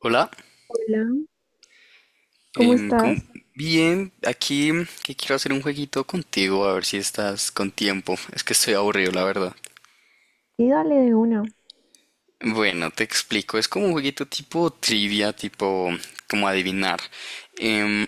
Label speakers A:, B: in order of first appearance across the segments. A: Hola.
B: Hola, ¿cómo
A: em, com-
B: estás?
A: Bien, aquí que quiero hacer un jueguito contigo, a ver si estás con tiempo. Es que estoy aburrido, la verdad.
B: Y dale de una.
A: Bueno, te explico, es como un jueguito tipo trivia, tipo como adivinar. Em,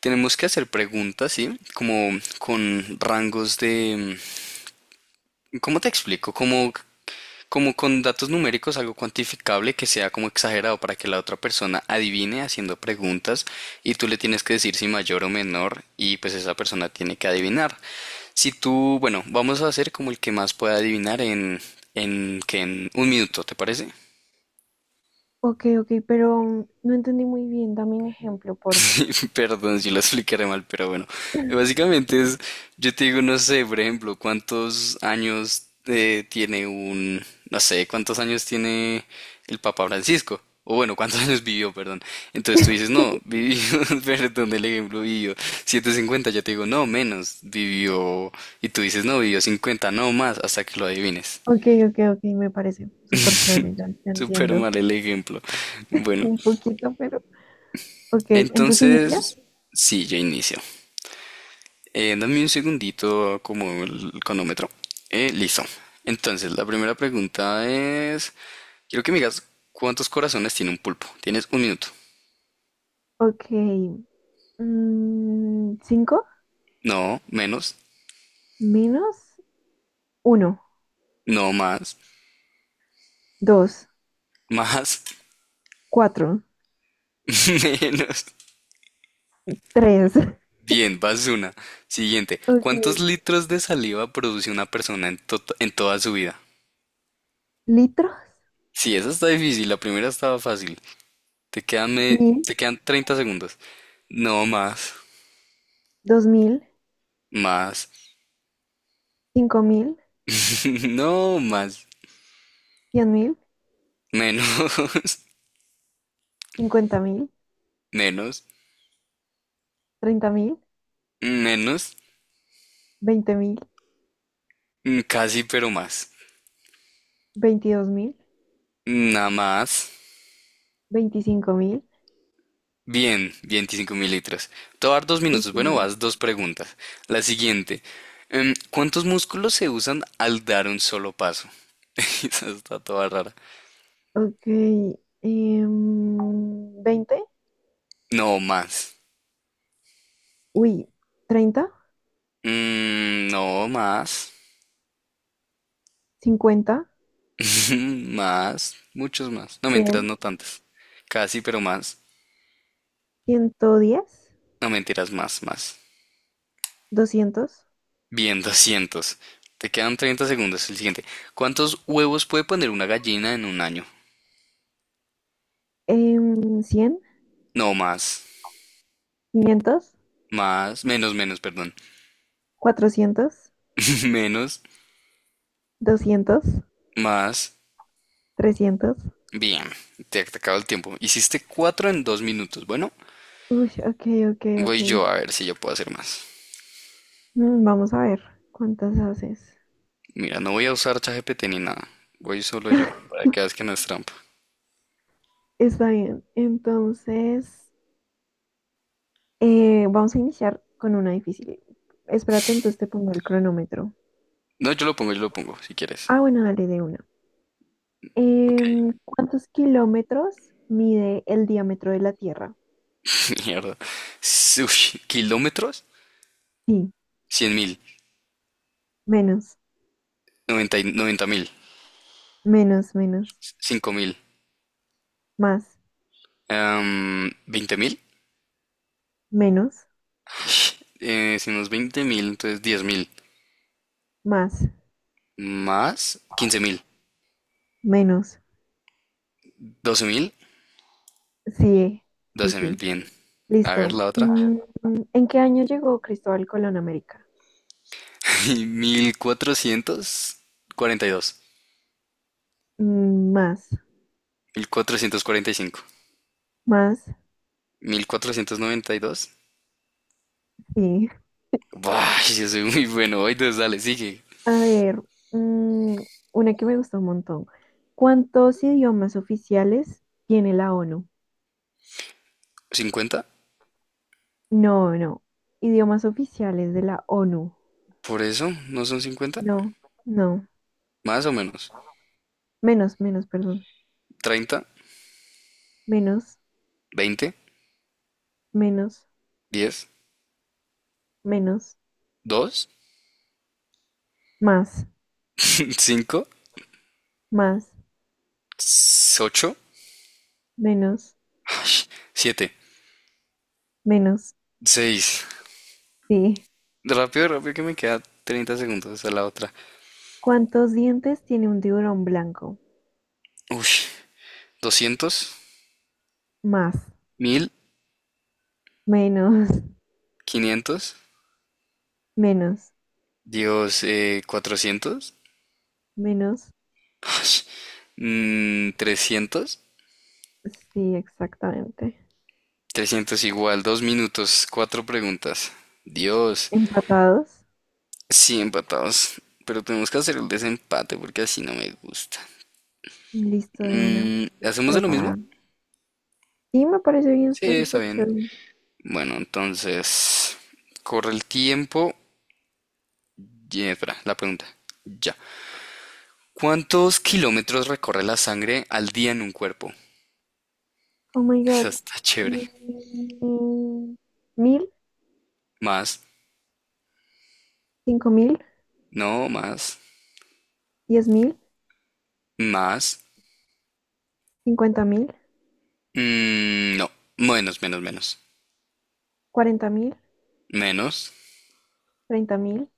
A: Tenemos que hacer preguntas, ¿sí? Como con rangos de. ¿Cómo te explico? Como con datos numéricos, algo cuantificable que sea como exagerado para que la otra persona adivine haciendo preguntas y tú le tienes que decir si mayor o menor y pues esa persona tiene que adivinar. Si tú, bueno, vamos a hacer como el que más pueda adivinar que en un minuto, ¿te parece?
B: Ok, ok, pero no entendí muy bien. Dame un ejemplo, porfa.
A: Perdón si lo explicaré mal, pero bueno. Básicamente es, yo te digo, no sé, por ejemplo, cuántos años no sé, cuántos años tiene el Papa Francisco. O bueno, cuántos años vivió, perdón. Entonces tú dices, no, vivió, perdón, el ejemplo, vivió 750. Yo te digo, no, menos, vivió. Y tú dices, no, vivió 50, no más, hasta que lo adivines.
B: Ok, ok, ok, me parece súper chévere, ya, ya
A: Súper
B: entiendo.
A: mal el ejemplo. Bueno,
B: Un poquito, pero... Ok, entonces inicias.
A: entonces, sí, yo inicio. Dame un segundito como el cronómetro. Listo. Entonces, la primera pregunta es, quiero que me digas cuántos corazones tiene un pulpo. Tienes un minuto.
B: Ok, ¿cinco?
A: No, menos.
B: ¿Menos? Uno,
A: No más.
B: dos,
A: Más.
B: cuatro,
A: Menos.
B: tres.
A: Bien, vas una. Siguiente. ¿Cuántos
B: Okay.
A: litros de saliva produce una persona en toda su vida?
B: Litros,
A: Sí, esa está difícil. La primera estaba fácil. Te quedan, me-
B: mil,
A: Te quedan 30 segundos. No más.
B: dos mil,
A: Más.
B: cinco mil,
A: No más.
B: cien mil,
A: Menos,
B: cincuenta mil,
A: menos,
B: treinta mil,
A: menos,
B: veinte mil,
A: casi pero más.
B: veintidós mil,
A: Nada más.
B: veinticinco mil.
A: Bien, 25 mililitros litros. Te voy a dar dos
B: Uf.
A: minutos. Bueno, vas dos preguntas. La siguiente. ¿Cuántos músculos se usan al dar un solo paso? Esa está toda rara.
B: Ok. Veinte,
A: No más.
B: uy, treinta,
A: No más.
B: cincuenta,
A: Más. Muchos más. No mentiras,
B: cien,
A: no tantas. Casi pero más.
B: ciento diez,
A: No mentiras, más, más.
B: doscientos,
A: Bien, 200. Te quedan 30 segundos. El siguiente. ¿Cuántos huevos puede poner una gallina en un año?
B: cien,
A: No, más.
B: quinientos,
A: Más. Menos, menos, perdón.
B: cuatrocientos,
A: Menos.
B: doscientos,
A: Más.
B: trescientos.
A: Bien. Te acabo el tiempo. Hiciste 4 en 2 minutos. Bueno,
B: Uy, ok, ok, ok.
A: voy yo a ver si yo puedo hacer más.
B: Mm, vamos a ver cuántas haces.
A: Mira, no voy a usar ChatGPT ni nada. Voy solo yo. Para que veas que no es trampa.
B: Está bien. Entonces, vamos a iniciar con una difícil. Espérate, entonces te pongo el cronómetro.
A: No, yo lo pongo, si quieres.
B: Ah, bueno, dale de una.
A: Ok.
B: ¿Cuántos kilómetros mide el diámetro de la Tierra?
A: Mierda. Ush, ¿kilómetros?
B: Sí,
A: Cien mil.
B: menos,
A: Noventa mil.
B: menos, menos,
A: Cinco mil.
B: más,
A: ¿20 mil?
B: menos,
A: Si unos 20 mil, entonces 10 mil.
B: más,
A: Más quince mil.
B: menos.
A: Doce mil.
B: Sí, sí,
A: Doce mil,
B: sí.
A: bien. A ver
B: Listo.
A: la otra.
B: Mm, ¿en qué año llegó Cristóbal Colón a América?
A: Mil cuatrocientos
B: Mm, más,
A: cuatrocientos cuarenta y dos cinco
B: más,
A: 1492.
B: sí.
A: Buah, yo soy muy bueno. Hoy entonces dale, sigue.
B: A ver, mm, una que me gusta un montón. ¿Cuántos idiomas oficiales tiene la ONU?
A: Cincuenta.
B: No, no. Idiomas oficiales de la ONU.
A: Por eso, ¿no son cincuenta?
B: No, no.
A: Más o menos.
B: Menos, menos, perdón.
A: Treinta.
B: Menos,
A: Veinte.
B: menos,
A: Diez.
B: menos,
A: Dos.
B: más,
A: Cinco.
B: más,
A: Ocho.
B: menos,
A: Siete.
B: menos.
A: Seis.
B: Sí.
A: Rápido, rápido, que me queda 30 segundos a la otra.
B: ¿Cuántos dientes tiene un tiburón blanco?
A: Uy, doscientos,
B: Más,
A: mil,
B: menos,
A: quinientos,
B: menos,
A: Dios, 400,
B: menos.
A: 300,
B: Sí, exactamente.
A: 300 igual, dos minutos, cuatro preguntas. Dios,
B: Empatados.
A: sí, empatados. Pero tenemos que hacer el desempate porque así no me gusta.
B: Listo de una. Estoy
A: ¿Hacemos de lo
B: preparada.
A: mismo?
B: Sí, me parece bien,
A: Sí,
B: está
A: está
B: súper
A: bien.
B: chévere.
A: Bueno, entonces, corre el tiempo. Y, espera, la pregunta. Ya. ¿Cuántos kilómetros recorre la sangre al día en un cuerpo?
B: Oh my God.
A: Esa está chévere.
B: Mm, mil,
A: Más,
B: cinco mil,
A: no, más,
B: diez mil,
A: más,
B: cincuenta mil,
A: no, menos, menos, menos,
B: cuarenta mil,
A: menos,
B: treinta mil,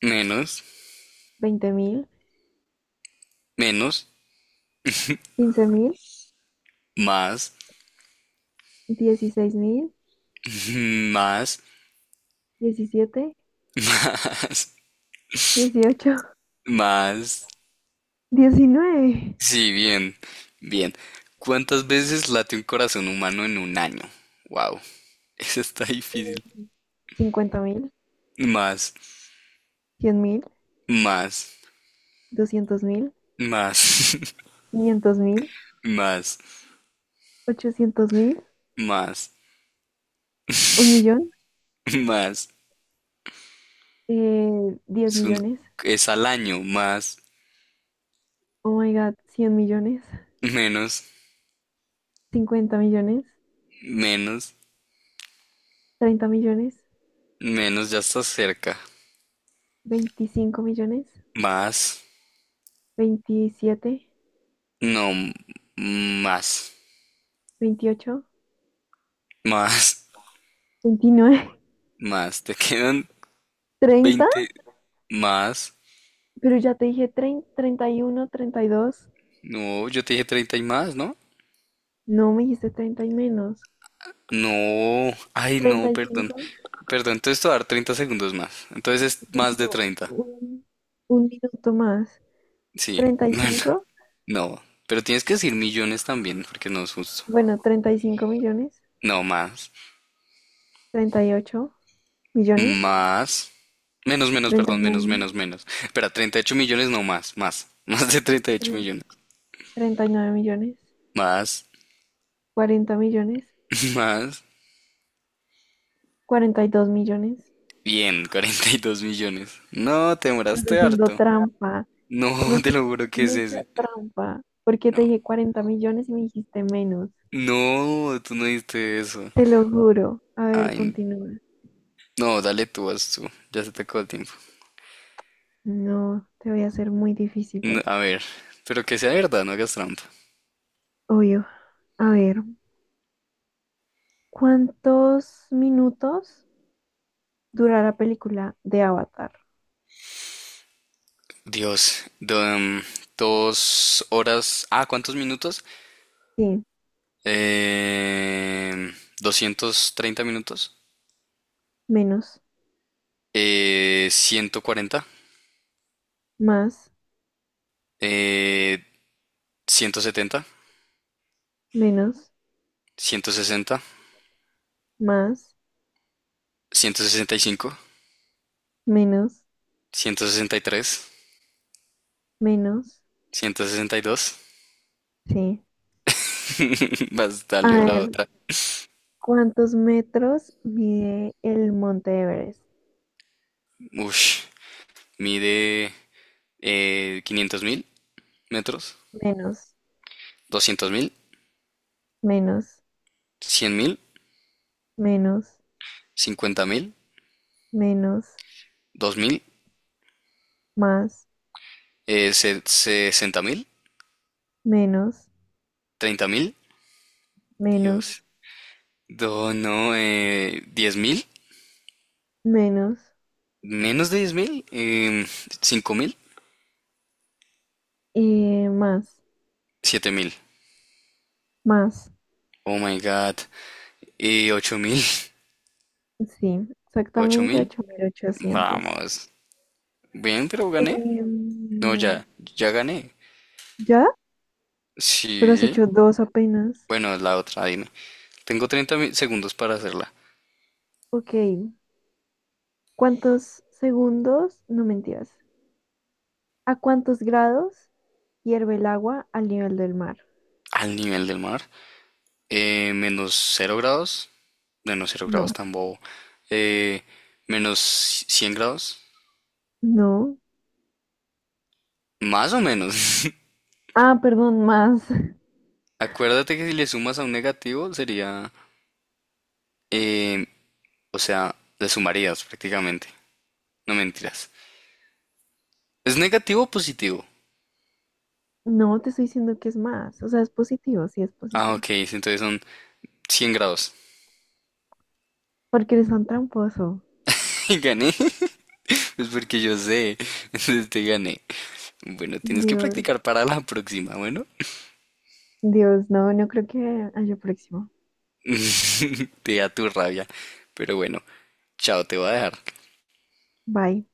A: menos,
B: veinte mil,
A: menos,
B: quince mil,
A: más,
B: dieciséis mil,
A: más,
B: diecisiete, dieciocho,
A: más.
B: diecinueve,
A: Sí, bien, bien. ¿Cuántas veces late un corazón humano en un año? Wow, eso está difícil.
B: cincuenta mil,
A: Más,
B: cien mil,
A: más,
B: doscientos mil,
A: más,
B: quinientos mil,
A: más,
B: ochocientos mil,
A: más,
B: un millón,
A: más.
B: eh, diez
A: Es un-
B: millones.
A: es al año, más,
B: Oh my God, cien millones.
A: menos,
B: Cincuenta millones,
A: menos,
B: 30 millones,
A: menos, ya está cerca.
B: 25 millones,
A: Más,
B: veintisiete,
A: no, m- más,
B: veintiocho,
A: más,
B: veintinueve,
A: más. Te quedan
B: treinta,
A: veinte más.
B: pero ya te dije treinta y uno, treinta y dos.
A: No, yo te dije treinta y más, ¿no?
B: No me dijiste 30 y menos,
A: No, ay, no, perdón.
B: 35,
A: Perdón, entonces te voy a dar 30 segundos más. Entonces es
B: son
A: más de
B: como
A: treinta.
B: un minuto más,
A: Sí,
B: treinta y
A: no, no,
B: cinco.
A: no. Pero tienes que decir millones también, porque no es justo.
B: Bueno, 35 millones,
A: No, más.
B: 38 millones,
A: Más. Menos, menos, perdón, menos,
B: 39,
A: menos, menos. Espera, 38 millones, no más, más. Más de 38
B: nueve tre-
A: millones.
B: 39
A: Más,
B: millones,
A: más.
B: 42 millones,
A: Bien, 42 millones. No, te
B: estás
A: demoraste
B: haciendo
A: harto.
B: trampa.
A: No,
B: Estás
A: te lo
B: haciendo
A: juro que es
B: mucha
A: ese.
B: trampa, porque te
A: No.
B: dije 40 millones y me dijiste menos.
A: No, tú no diste eso.
B: Te lo juro. A ver,
A: Ay,
B: continúa.
A: no, dale tú, haz tú. Ya se te acabó el tiempo.
B: No, te voy a hacer muy
A: No,
B: difíciles.
A: a ver, pero que sea verdad, no hagas trampa.
B: Obvio. A ver, ¿cuántos minutos dura la película de Avatar?
A: Dios, dos horas. Ah, ¿cuántos minutos?
B: Sí,
A: eh, 230 minutos,
B: menos,
A: 140,
B: más,
A: eh, 170,
B: menos,
A: 160,
B: más,
A: 165,
B: menos,
A: 163,
B: menos.
A: 162.
B: Sí.
A: Más
B: A
A: dale la
B: ver,
A: otra.
B: ¿cuántos metros mide el Monte Everest?
A: Ush, mide 500 mil metros,
B: Menos,
A: doscientos mil,
B: menos,
A: cien mil,
B: menos,
A: cincuenta mil,
B: menos,
A: dos mil,
B: más,
A: 60 mil,
B: menos,
A: 30 mil.
B: menos,
A: Dios. Do no, 10 mil.
B: menos,
A: Menos de 10.000, cinco mil,
B: más,
A: siete mil.
B: más.
A: Oh my god. Y ocho mil.
B: Sí,
A: Ocho
B: exactamente
A: mil.
B: 8.800.
A: Vamos. Bien, pero gané.
B: Em,
A: No, ya, ya gané.
B: ¿ya? Pero has
A: Sí.
B: hecho dos apenas.
A: Bueno, la otra, dime. Tengo 30 segundos para hacerla.
B: Ok, ¿cuántos segundos? No mentiras. ¿A cuántos grados hierve el agua al nivel del mar?
A: Al nivel del mar. Menos cero grados. Menos cero
B: No,
A: grados tan bobo. Eh, Menos 100 grados.
B: no.
A: Más o menos.
B: Ah, perdón, más.
A: Acuérdate que si le sumas a un negativo sería em, o sea, le sumarías prácticamente. No mentiras. ¿Es negativo o positivo?
B: No, te estoy diciendo que es más. O sea, es positivo, sí es
A: Ah,
B: positivo.
A: ok, sí, entonces son 100 grados.
B: Porque eres tan tramposo.
A: ¿Y gané? Pues porque yo sé. Entonces te gané. Bueno, tienes que
B: Dios.
A: practicar para la próxima, bueno.
B: Dios, no, no creo que haya próximo.
A: Te da tu rabia. Pero bueno, chao, te voy a dejar.
B: Bye.